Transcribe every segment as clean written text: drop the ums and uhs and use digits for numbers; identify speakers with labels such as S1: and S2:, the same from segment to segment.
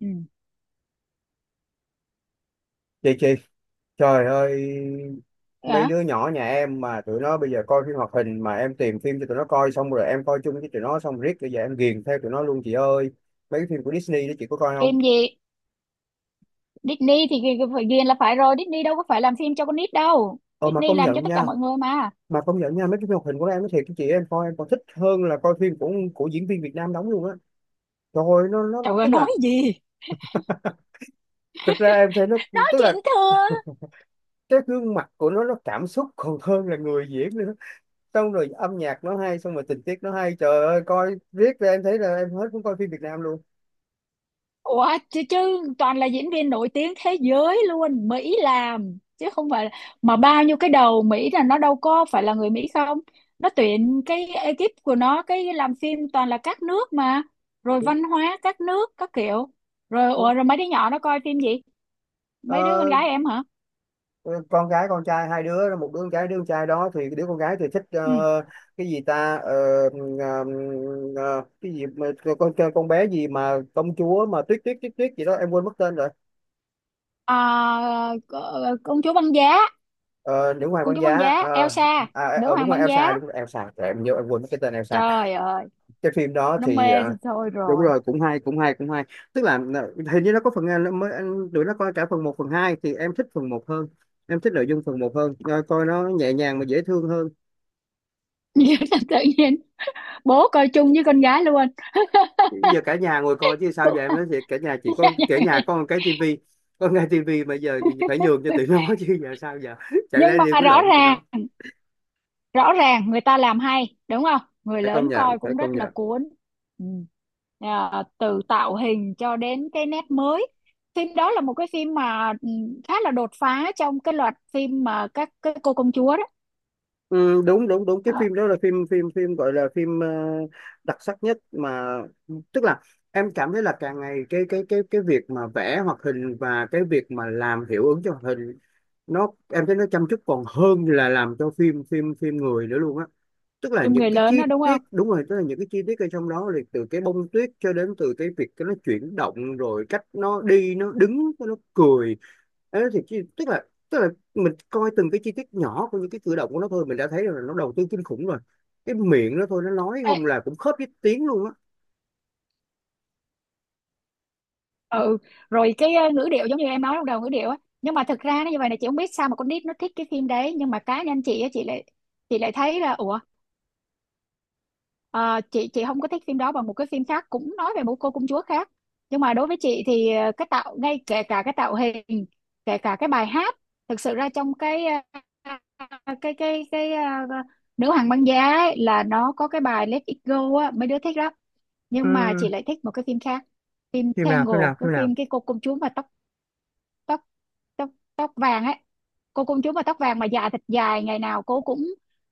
S1: Ừ.
S2: Chị, trời ơi, mấy
S1: Hả?
S2: đứa nhỏ nhà em mà tụi nó bây giờ coi phim hoạt hình, mà em tìm phim cho tụi nó coi, xong rồi em coi chung với tụi nó, xong riết bây giờ em ghiền theo tụi nó luôn chị ơi. Mấy cái phim của Disney đó chị có coi không?
S1: Phim gì? Disney thì phải ghiền là phải rồi. Disney đâu có phải làm phim cho con nít đâu.
S2: Ờ mà
S1: Disney
S2: công
S1: làm cho
S2: nhận
S1: tất cả
S2: nha,
S1: mọi người mà.
S2: mà công nhận nha, mấy cái phim hoạt hình của, em nói thiệt với chị, em coi em còn thích hơn là coi phim của diễn viên Việt Nam đóng luôn á. Trời ơi, nó
S1: Trời ơi,
S2: tức
S1: nói
S2: là,
S1: gì?
S2: thực ra em thấy nó,
S1: Nói
S2: tức
S1: chuyện
S2: là
S1: thừa.
S2: cái gương mặt của nó cảm xúc còn hơn là người diễn nữa. Xong rồi âm nhạc nó hay, xong rồi tình tiết nó hay, trời ơi, coi riết ra em thấy là em hết muốn coi phim Việt Nam luôn.
S1: Ủa, chứ toàn là diễn viên nổi tiếng thế giới luôn. Mỹ làm. Chứ không phải là... Mà bao nhiêu cái đầu Mỹ là nó đâu có phải là người Mỹ không? Nó tuyển cái ekip của nó, cái làm phim toàn là các nước mà. Rồi
S2: Đúng,
S1: văn hóa các nước, các kiểu. Rồi, ủa,
S2: đúng.
S1: rồi mấy đứa nhỏ nó coi phim gì? Mấy đứa con
S2: Ờ,
S1: gái em hả?
S2: ờ, con gái con trai hai đứa, một đứa con gái, đứa con trai đó, thì đứa con gái thì thích,
S1: Ừ.
S2: cái gì ta. Ờ, ờ, cái gì mà, con bé gì mà công chúa mà tuyết tuyết tuyết tuyết gì đó, em quên mất tên rồi.
S1: Ờ, Công chúa băng giá,
S2: Ờ, Nữ hoàng
S1: công
S2: băng
S1: chúa băng
S2: giá,
S1: giá Elsa,
S2: à, à,
S1: nữ
S2: đúng
S1: hoàng
S2: rồi
S1: băng giá.
S2: Elsa, đúng rồi Elsa. Trời, em nhớ, em quên mất cái tên Elsa.
S1: Trời ơi,
S2: Cái phim đó
S1: nó
S2: thì,
S1: mê thì thôi
S2: đúng
S1: rồi.
S2: rồi, cũng hay, cũng hay, cũng hay. Tức là, hình như nó có phần, nó mới, tụi nó coi cả phần 1 phần 2, thì em thích phần 1 hơn, em thích nội dung phần 1 hơn. Ờ, coi nó nhẹ nhàng mà dễ thương hơn.
S1: Tự nhiên bố coi chung với con gái luôn.
S2: Bây giờ cả nhà ngồi coi chứ sao
S1: Cũng
S2: giờ, em nói thiệt, cả nhà chỉ có, cả nhà
S1: vậy.
S2: có một cái tivi, có một cái tivi mà giờ mình phải nhường cho tụi nó, chứ giờ sao giờ, chẳng
S1: Nhưng
S2: lẽ đi
S1: mà
S2: quýnh
S1: rõ
S2: lộn với tụi
S1: ràng,
S2: nó.
S1: rõ ràng người ta làm hay đúng không, người
S2: Phải công
S1: lớn
S2: nhận,
S1: coi
S2: phải
S1: cũng
S2: công
S1: rất là
S2: nhận.
S1: cuốn. Ừ. Từ tạo hình cho đến cái nét mới, phim đó là một cái phim mà khá là đột phá trong cái loạt phim mà các cái cô công chúa đó.
S2: Ừ, đúng đúng đúng, cái
S1: Ờ,
S2: phim đó là phim phim phim gọi là phim, đặc sắc nhất mà. Tức là em cảm thấy là càng ngày cái việc mà vẽ hoạt hình và cái việc mà làm hiệu ứng cho hoạt hình, nó, em thấy nó chăm chút còn hơn là làm cho phim phim phim người nữa luôn á. Tức là
S1: phim
S2: những
S1: người
S2: cái
S1: lớn
S2: chi
S1: đó đúng không?
S2: tiết, đúng rồi, tức là những cái chi tiết ở trong đó, thì từ cái bông tuyết cho đến từ cái việc cái nó chuyển động, rồi cách nó đi, nó đứng, nó cười. Đấy, tức là, tức là mình coi từng cái chi tiết nhỏ của những cái cử động của nó thôi, mình đã thấy là nó đầu tư kinh khủng rồi. Cái miệng nó thôi, nó nói
S1: Ê,
S2: không là cũng khớp với tiếng luôn á.
S1: ừ, rồi cái ngữ điệu, giống như em nói lúc đầu, ngữ điệu á. Nhưng mà thực ra nó như vậy này, chị không biết sao mà con nít nó thích cái phim đấy, nhưng mà cá nhân chị á, chị lại thấy là ủa, chị không có thích phim đó bằng một cái phim khác cũng nói về một cô công chúa khác. Nhưng mà đối với chị thì cái tạo ngay, kể cả cái tạo hình, kể cả cái bài hát, thực sự ra trong cái ờ, cái cái cái ờ, nữ hoàng băng giá ấy, là nó có cái bài Let It Go á, mấy đứa thích lắm. Nhưng mà chị
S2: Ừm,
S1: lại thích một cái phim khác, phim
S2: phim nào,
S1: Tangle,
S2: phim nào,
S1: cái
S2: phim nào?
S1: phim cái cô công chúa mà tóc tóc tóc vàng ấy, cô công chúa mà tóc vàng mà dài thật dài, ngày nào cô cũng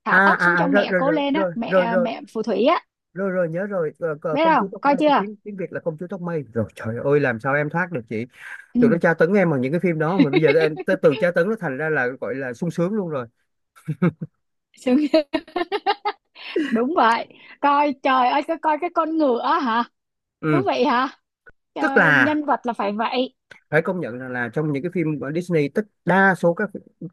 S1: thả
S2: À
S1: tóc xuống
S2: à
S1: cho
S2: à, rồi
S1: mẹ
S2: rồi
S1: cô
S2: rồi
S1: lên á,
S2: rồi
S1: mẹ,
S2: rồi rồi,
S1: mẹ phù thủy á.
S2: rồi rồi nhớ rồi. Ờ,
S1: Biết
S2: Công chúa
S1: không,
S2: tóc
S1: coi
S2: mây, cái
S1: chưa?
S2: tiếng, tiếng Việt là công chúa tóc mây. Rồi trời ơi, làm sao em thoát được chị. Tụi nó
S1: Ừ.
S2: tra tấn em bằng những cái phim đó, mà bây giờ em tới từ tra tấn nó thành ra là gọi là sung sướng luôn rồi.
S1: Sướng chưa? Đúng vậy. Coi trời ơi, coi, coi cái con ngựa hả? Thú
S2: Ừ.
S1: vị hả?
S2: Tức
S1: Trời,
S2: là
S1: nhân vật là phải vậy.
S2: phải công nhận rằng là trong những cái phim của Disney, tất, đa số các,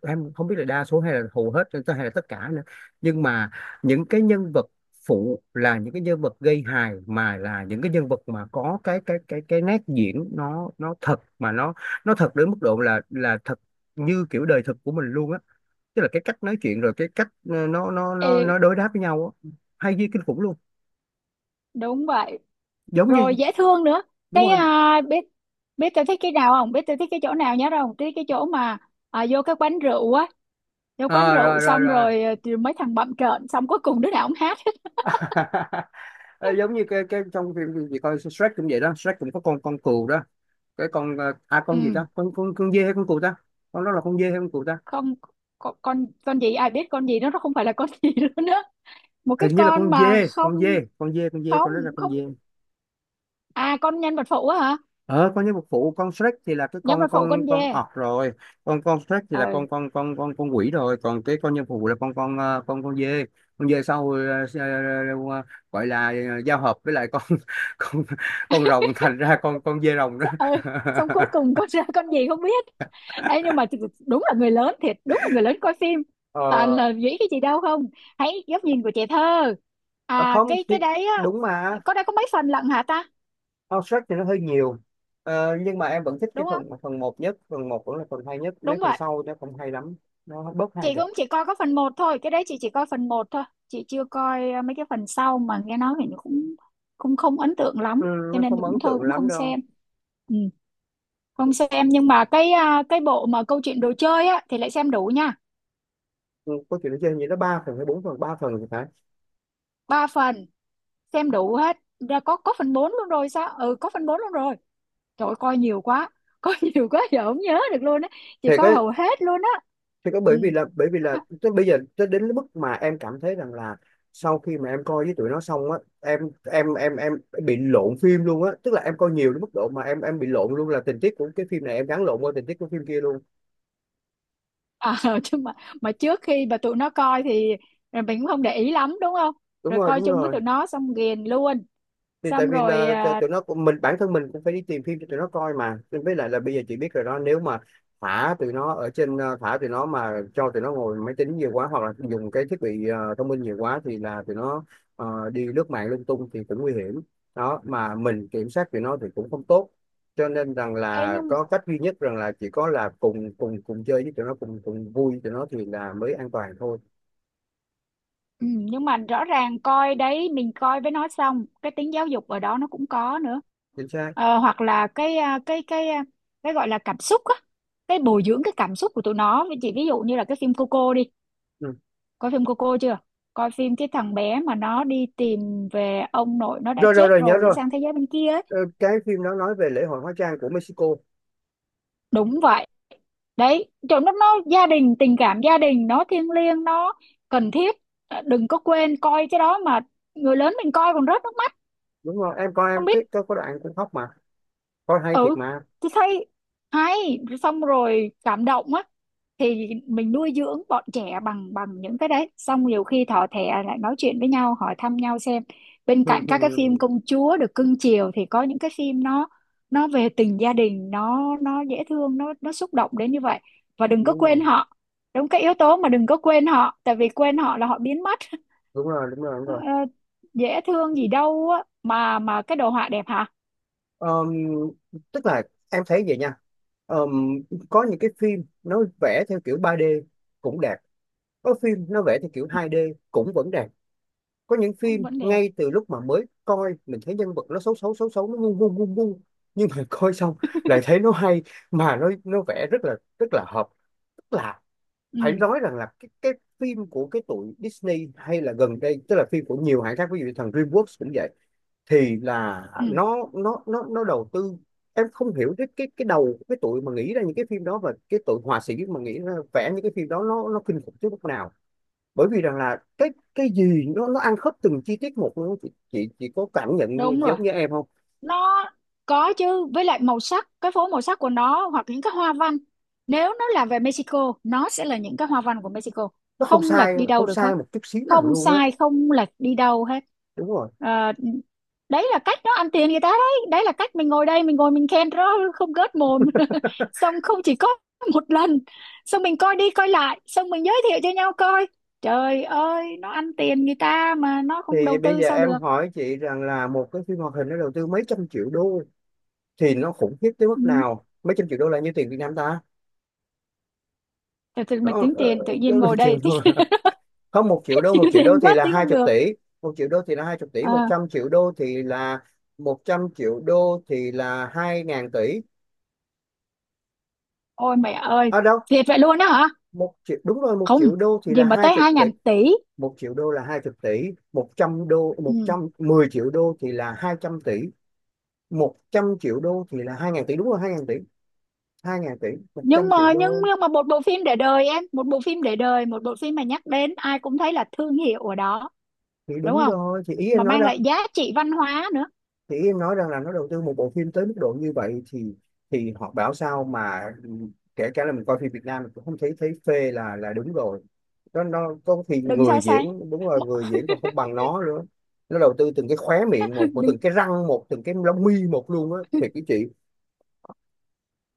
S2: em không biết là đa số hay là hầu hết hay là tất cả nữa, nhưng mà những cái nhân vật phụ, là những cái nhân vật gây hài, mà là những cái nhân vật mà có cái nét diễn, nó thật, mà nó thật đến mức độ là thật như kiểu đời thực của mình luôn á. Tức là cái cách nói chuyện, rồi cái cách
S1: Ừ,
S2: nó đối đáp với nhau á, hay như kinh khủng luôn.
S1: đúng vậy.
S2: Giống như,
S1: Rồi dễ thương nữa.
S2: đúng
S1: Cái
S2: rồi.
S1: biết, biết tôi thích cái nào không, biết tôi thích cái chỗ nào nhớ không, thích cái chỗ mà vô cái quán rượu á, vô quán
S2: Ờ
S1: rượu
S2: Rồi rồi
S1: xong
S2: rồi.
S1: rồi, thì mấy thằng bậm trợn xong cuối cùng đứa nào cũng hát hết.
S2: Ờ, giống như cái trong phim gì gì coi, Shrek cũng vậy đó, Shrek cũng có con cừu đó, cái con, con gì
S1: Ừ,
S2: ta, con dê hay con cừu ta, con đó là con dê hay con cừu ta?
S1: không. Con gì ai biết, con gì đó, nó không phải là con gì nữa nữa. Một cái
S2: Hình như là
S1: con mà không,
S2: con dê,
S1: không,
S2: con đó là con
S1: không.
S2: dê.
S1: À, con nhân vật phụ á hả?
S2: Ờ con nhân vật phụ, con Shrek thì là cái
S1: Nhân vật phụ con
S2: con
S1: dê.
S2: ọt rồi. Con Shrek thì là
S1: Ờ.
S2: con quỷ rồi, còn cái con nhân phụ là con con dê, con dê sau, s- ờ, ờ, gọi là, giao hợp với lại con, con con rồng, thành ra con dê rồng đó.
S1: Dạ, ừ. Xong cuối cùng con ra con gì không biết. Ê, nhưng mà đúng là người lớn thiệt, đúng là người lớn coi phim toàn
S2: ờ
S1: là nghĩ cái gì đâu không, hãy góc nhìn của trẻ thơ.
S2: ờ,
S1: À,
S2: Không thì,
S1: cái đấy á.
S2: đúng mà,
S1: Có đây, có mấy phần lận hả ta?
S2: con, thì nó hơi nhiều. Ờ, nhưng mà em vẫn thích cái
S1: Đúng không?
S2: phần phần 1 nhất, phần 1 vẫn là phần hay nhất, mấy
S1: Đúng
S2: phần
S1: vậy.
S2: sau nó không hay lắm, nó bớt hay
S1: Chị
S2: rồi.
S1: cũng chỉ coi có phần một thôi, cái đấy chị chỉ coi phần một thôi, chị chưa coi mấy cái phần sau, mà nghe nói thì nó cũng cũng không ấn tượng
S2: Ừ,
S1: lắm, cho
S2: nó
S1: nên
S2: không ấn
S1: cũng thôi
S2: tượng
S1: cũng
S2: lắm
S1: không
S2: đâu.
S1: xem. Ừ, không xem. Nhưng mà cái cái bộ mà câu chuyện đồ chơi á thì lại xem đủ nha.
S2: Ừ, câu chuyện nó chơi như nó 3 phần hay 4 phần, 3 phần thì phải.
S1: Ba phần, xem đủ hết. Ra có phần 4 luôn rồi sao? Ừ, có phần 4 luôn rồi. Trời ơi, coi nhiều quá coi nhiều quá giờ không nhớ được luôn á. Chị
S2: Thì có,
S1: coi hầu hết luôn á.
S2: thì có,
S1: Ừ.
S2: bởi vì là, bởi vì là tới bây giờ, tới đến cái mức mà em cảm thấy rằng là, sau khi mà em coi với tụi nó xong á, em, em bị lộn phim luôn á, tức là em coi nhiều đến mức độ mà em bị lộn luôn, là tình tiết của cái phim này em gắn lộn qua tình tiết của phim kia luôn.
S1: Ờ, chứ mà trước khi mà tụi nó coi thì rồi mình cũng không để ý lắm đúng không,
S2: Đúng
S1: rồi
S2: rồi,
S1: coi
S2: đúng
S1: chung với
S2: rồi.
S1: tụi nó xong ghiền luôn.
S2: Thì tại
S1: Xong
S2: vì
S1: rồi
S2: là, tụi nó cũng, mình bản thân mình cũng phải đi tìm phim cho tụi nó coi mà. Nên với lại là bây giờ chị biết rồi đó, nếu mà thả tụi nó ở trên, thả tụi nó mà cho tụi nó ngồi máy tính nhiều quá, hoặc là dùng cái thiết bị, thông minh nhiều quá, thì là tụi nó, đi lướt mạng lung tung thì cũng nguy hiểm, đó mà mình kiểm soát tụi nó thì cũng không tốt. Cho nên rằng
S1: ê
S2: là
S1: nhưng
S2: có cách duy nhất rằng là chỉ có là cùng cùng cùng chơi với tụi nó, cùng cùng vui với tụi nó thì là mới an toàn thôi.
S1: ừ, nhưng mà rõ ràng coi đấy, mình coi với nó xong cái tính giáo dục ở đó nó cũng có nữa.
S2: Chính xác.
S1: Ờ, hoặc là cái cái gọi là cảm xúc á, cái bồi dưỡng cái cảm xúc của tụi nó. Với chị ví dụ như là cái phim Coco đi,
S2: Ừ.
S1: coi phim Coco chưa? Coi phim cái thằng bé mà nó đi tìm về ông nội nó đã
S2: Rồi rồi
S1: chết
S2: rồi, nhớ
S1: rồi để
S2: rồi.
S1: sang thế giới bên kia ấy.
S2: Ờ, cái phim đó nói về lễ hội hóa trang của Mexico.
S1: Đúng vậy. Đấy chỗ nó gia đình, tình cảm gia đình nó thiêng liêng, nó cần thiết. Ờ, đừng có quên coi cái đó mà, người lớn mình coi còn rớt nước mắt.
S2: Đúng rồi, em coi em,
S1: Không biết.
S2: cái có đoạn cũng khóc mà, coi hay
S1: Ừ,
S2: thiệt mà.
S1: tôi thấy hay, xong rồi cảm động á. Thì mình nuôi dưỡng bọn trẻ bằng bằng những cái đấy, xong nhiều khi thỏ thẻ lại nói chuyện với nhau, hỏi thăm nhau xem, bên cạnh các cái phim
S2: Đúng
S1: công chúa được cưng chiều thì có những cái phim nó về tình gia đình, nó dễ thương, nó xúc động đến như vậy. Và đừng có quên
S2: rồi,
S1: họ. Đúng cái yếu tố mà đừng có quên họ, tại vì quên họ là họ biến mất.
S2: đúng rồi, đúng rồi, đúng
S1: Ờ,
S2: rồi.
S1: dễ thương gì đâu á, mà cái đồ họa đẹp hả?
S2: Ờm, Tức là em thấy vậy nha. Ờm, có những cái phim nó vẽ theo kiểu 3D, cũng đẹp. Có phim nó vẽ theo kiểu
S1: Ừ,
S2: 2D, cũng vẫn đẹp. Có những
S1: cũng
S2: phim
S1: vẫn đẹp.
S2: ngay từ lúc mà mới coi mình thấy nhân vật nó xấu xấu xấu xấu, nó ngu ngu ngu ngu, nhưng mà coi xong lại thấy nó hay, mà nó vẽ rất là hợp. Tức là phải
S1: Ừ.
S2: nói rằng là cái, phim của cái tụi Disney, hay là gần đây, tức là phim của nhiều hãng khác, ví dụ như thằng DreamWorks cũng vậy, thì là
S1: Ừ,
S2: nó đầu tư. Em không hiểu cái, đầu, cái tụi mà nghĩ ra những cái phim đó, và cái tụi họa sĩ mà nghĩ ra vẽ những cái phim đó, nó kinh khủng tới mức nào. Bởi vì rằng là cái gì nó ăn khớp từng chi tiết một luôn, chị có cảm nhận
S1: đúng rồi.
S2: giống như em không?
S1: Nó có chứ, với lại màu sắc, cái phố màu sắc của nó hoặc những cái hoa văn. Nếu nó là về Mexico, nó sẽ là những cái hoa văn của Mexico.
S2: Nó không
S1: Không lệch
S2: sai,
S1: đi đâu
S2: không
S1: được hết.
S2: sai một chút xíu nào
S1: Không
S2: luôn á.
S1: sai, không lệch đi đâu hết.
S2: Đúng rồi.
S1: Ờ, đấy là cách nó ăn tiền người ta đấy. Đấy là cách mình ngồi đây, mình ngồi mình khen đó, không gớt mồm. Xong không chỉ có một lần. Xong mình coi đi coi lại, xong mình giới thiệu cho nhau coi. Trời ơi, nó ăn tiền người ta mà nó không
S2: Thì
S1: đầu
S2: bây
S1: tư
S2: giờ
S1: sao được.
S2: em hỏi chị rằng là một cái phim hoạt hình nó đầu tư mấy trăm triệu đô, thì nó khủng khiếp tới mức
S1: Ừ.
S2: nào, mấy trăm triệu đô là nhiêu tiền Việt Nam ta.
S1: Thật sự
S2: Nó
S1: mà tính tiền tự nhiên
S2: Một
S1: ngồi đây
S2: triệu đô
S1: tính
S2: à? Không, 1 triệu đô,
S1: chịu
S2: 1 triệu đô
S1: tiền
S2: thì
S1: quá
S2: là
S1: tính
S2: hai
S1: không
S2: chục
S1: được.
S2: tỷ Một triệu đô thì là hai chục tỷ, một
S1: À,
S2: trăm triệu đô thì là, 100 triệu đô thì là 2000 tỷ.
S1: ôi mẹ ơi,
S2: À, đâu.
S1: thiệt vậy luôn đó hả?
S2: Một triệu, đúng rồi, một
S1: Không,
S2: triệu đô thì
S1: gì
S2: là
S1: mà
S2: hai
S1: tới
S2: chục
S1: hai
S2: tỷ,
S1: ngàn tỷ.
S2: một triệu đô là hai chục tỷ. 100 đô, một
S1: Ừ.
S2: trăm 10 triệu đô thì là 200 tỷ, một trăm triệu đô thì là hai ngàn tỷ, đúng rồi, 2000 tỷ, hai ngàn tỷ, một
S1: Nhưng
S2: trăm triệu
S1: mà, nhưng
S2: đô.
S1: nhưng mà một bộ phim để đời em, một bộ phim để đời, một bộ phim mà nhắc đến ai cũng thấy là thương hiệu ở đó,
S2: Thì
S1: đúng
S2: đúng
S1: không?
S2: rồi, thì ý em
S1: Mà
S2: nói,
S1: mang lại giá trị văn hóa nữa.
S2: thì em nói rằng là nó đầu tư một bộ phim tới mức độ như vậy, thì họ bảo sao mà, kể cả là mình coi phim Việt Nam mình cũng không thấy, thấy phê là đúng rồi đó nó có, thì
S1: Đừng
S2: người
S1: so
S2: diễn,
S1: sánh.
S2: đúng rồi,
S1: Mọi-
S2: người diễn còn không bằng nó nữa, nó đầu tư từng cái khóe miệng một, một từng cái răng một, từng cái lông mi một luôn á, thiệt cái chị.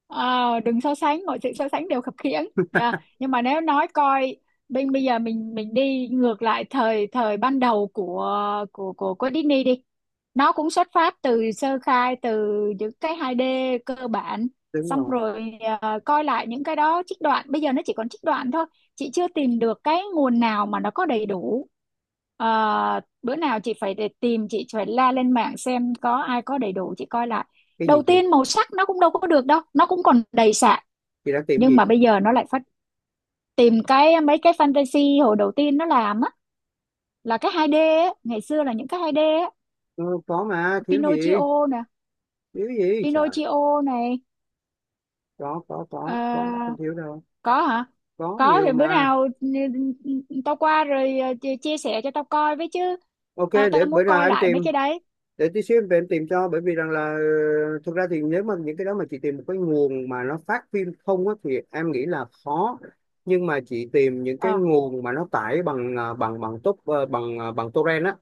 S1: Ờ, đừng so sánh, mọi sự so sánh đều khập khiễng nha. Nhưng mà nếu nói coi, bên bây giờ mình đi ngược lại thời thời ban đầu của Disney đi, nó cũng xuất phát từ sơ khai, từ những cái 2D cơ bản.
S2: Đúng
S1: Xong
S2: rồi.
S1: rồi coi lại những cái đó, trích đoạn bây giờ nó chỉ còn trích đoạn thôi, chị chưa tìm được cái nguồn nào mà nó có đầy đủ. Ờ, bữa nào chị phải để tìm, chị phải la lên mạng xem có ai có đầy đủ chị coi lại.
S2: Cái gì
S1: Đầu
S2: chị
S1: tiên màu sắc nó cũng đâu có được đâu, nó cũng còn đầy sạn,
S2: chị đang tìm
S1: nhưng
S2: gì?
S1: mà bây giờ nó lại phát. Tìm cái mấy cái fantasy hồi đầu tiên nó làm á, là cái 2D á, ngày xưa là những cái 2D á.
S2: Ừ, có mà, thiếu gì,
S1: Pinocchio nè,
S2: thiếu gì trời,
S1: Pinocchio này.
S2: có,
S1: Ờ,
S2: không thiếu đâu,
S1: có hả,
S2: có
S1: có
S2: nhiều
S1: thì bữa
S2: mà.
S1: nào tao qua rồi chia chia sẻ cho tao coi với chứ.
S2: Ok,
S1: À,
S2: để
S1: tao
S2: bữa
S1: muốn
S2: nào
S1: coi
S2: em
S1: lại
S2: tìm,
S1: mấy cái đấy.
S2: để tí xíu em về em tìm cho, bởi vì rằng là, thực ra thì nếu mà những cái đó mà chị tìm một cái nguồn mà nó phát phim không á, thì em nghĩ là khó. Nhưng mà chị tìm những cái
S1: Ờ,
S2: nguồn mà nó tải bằng, ờ, bằng bằng tốt ờ, bằng torrent á,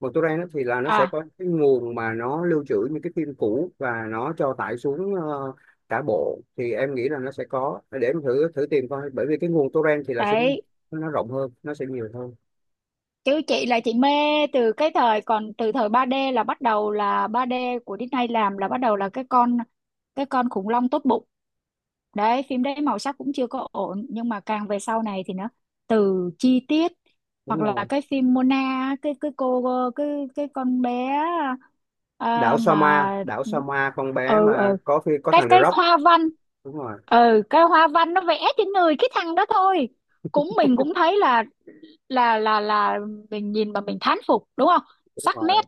S2: bằng torrent á, thì là nó sẽ
S1: à
S2: có cái nguồn mà nó lưu trữ những cái phim cũ và nó cho tải xuống, cả bộ, thì em nghĩ là nó sẽ có, để em thử thử tìm coi, bởi vì cái nguồn torrent thì là sẽ,
S1: đấy.
S2: nó rộng hơn, nó sẽ nhiều hơn.
S1: Chứ chị là chị mê từ cái thời còn từ thời 3D, là bắt đầu là 3D của Disney làm, là bắt đầu là cái con, cái con khủng long tốt bụng. Đấy, phim đấy màu sắc cũng chưa có ổn, nhưng mà càng về sau này thì nó từ chi tiết,
S2: Đúng
S1: hoặc là
S2: rồi.
S1: cái phim Mona á, cái cô, cái cái con bé,
S2: Đảo Soma,
S1: mà
S2: đảo Soma, con bé
S1: ừ
S2: mà
S1: ừ
S2: có có thằng The
S1: cái
S2: Rock.
S1: hoa văn,
S2: Đúng rồi,
S1: ừ cái hoa văn nó vẽ trên người cái thằng đó thôi, cũng mình cũng thấy là mình nhìn mà mình thán phục đúng không,
S2: đúng
S1: sắc nét.
S2: rồi.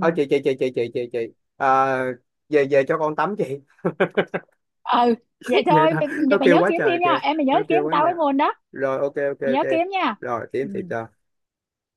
S2: Thôi chị chị, à, về, về cho con tắm chị,
S1: Ừ, vậy
S2: về
S1: thôi mình,
S2: nó
S1: mày
S2: kêu
S1: nhớ
S2: quá
S1: kiếm
S2: trời
S1: phim nha
S2: kìa,
S1: em, mày nhớ
S2: nó
S1: kiếm
S2: kêu quá
S1: tao cái
S2: nha.
S1: nguồn đó,
S2: Rồi, ok ok
S1: mày nhớ
S2: ok.
S1: kiếm nha.
S2: Rồi, kiếm
S1: Ừ.
S2: thì cho.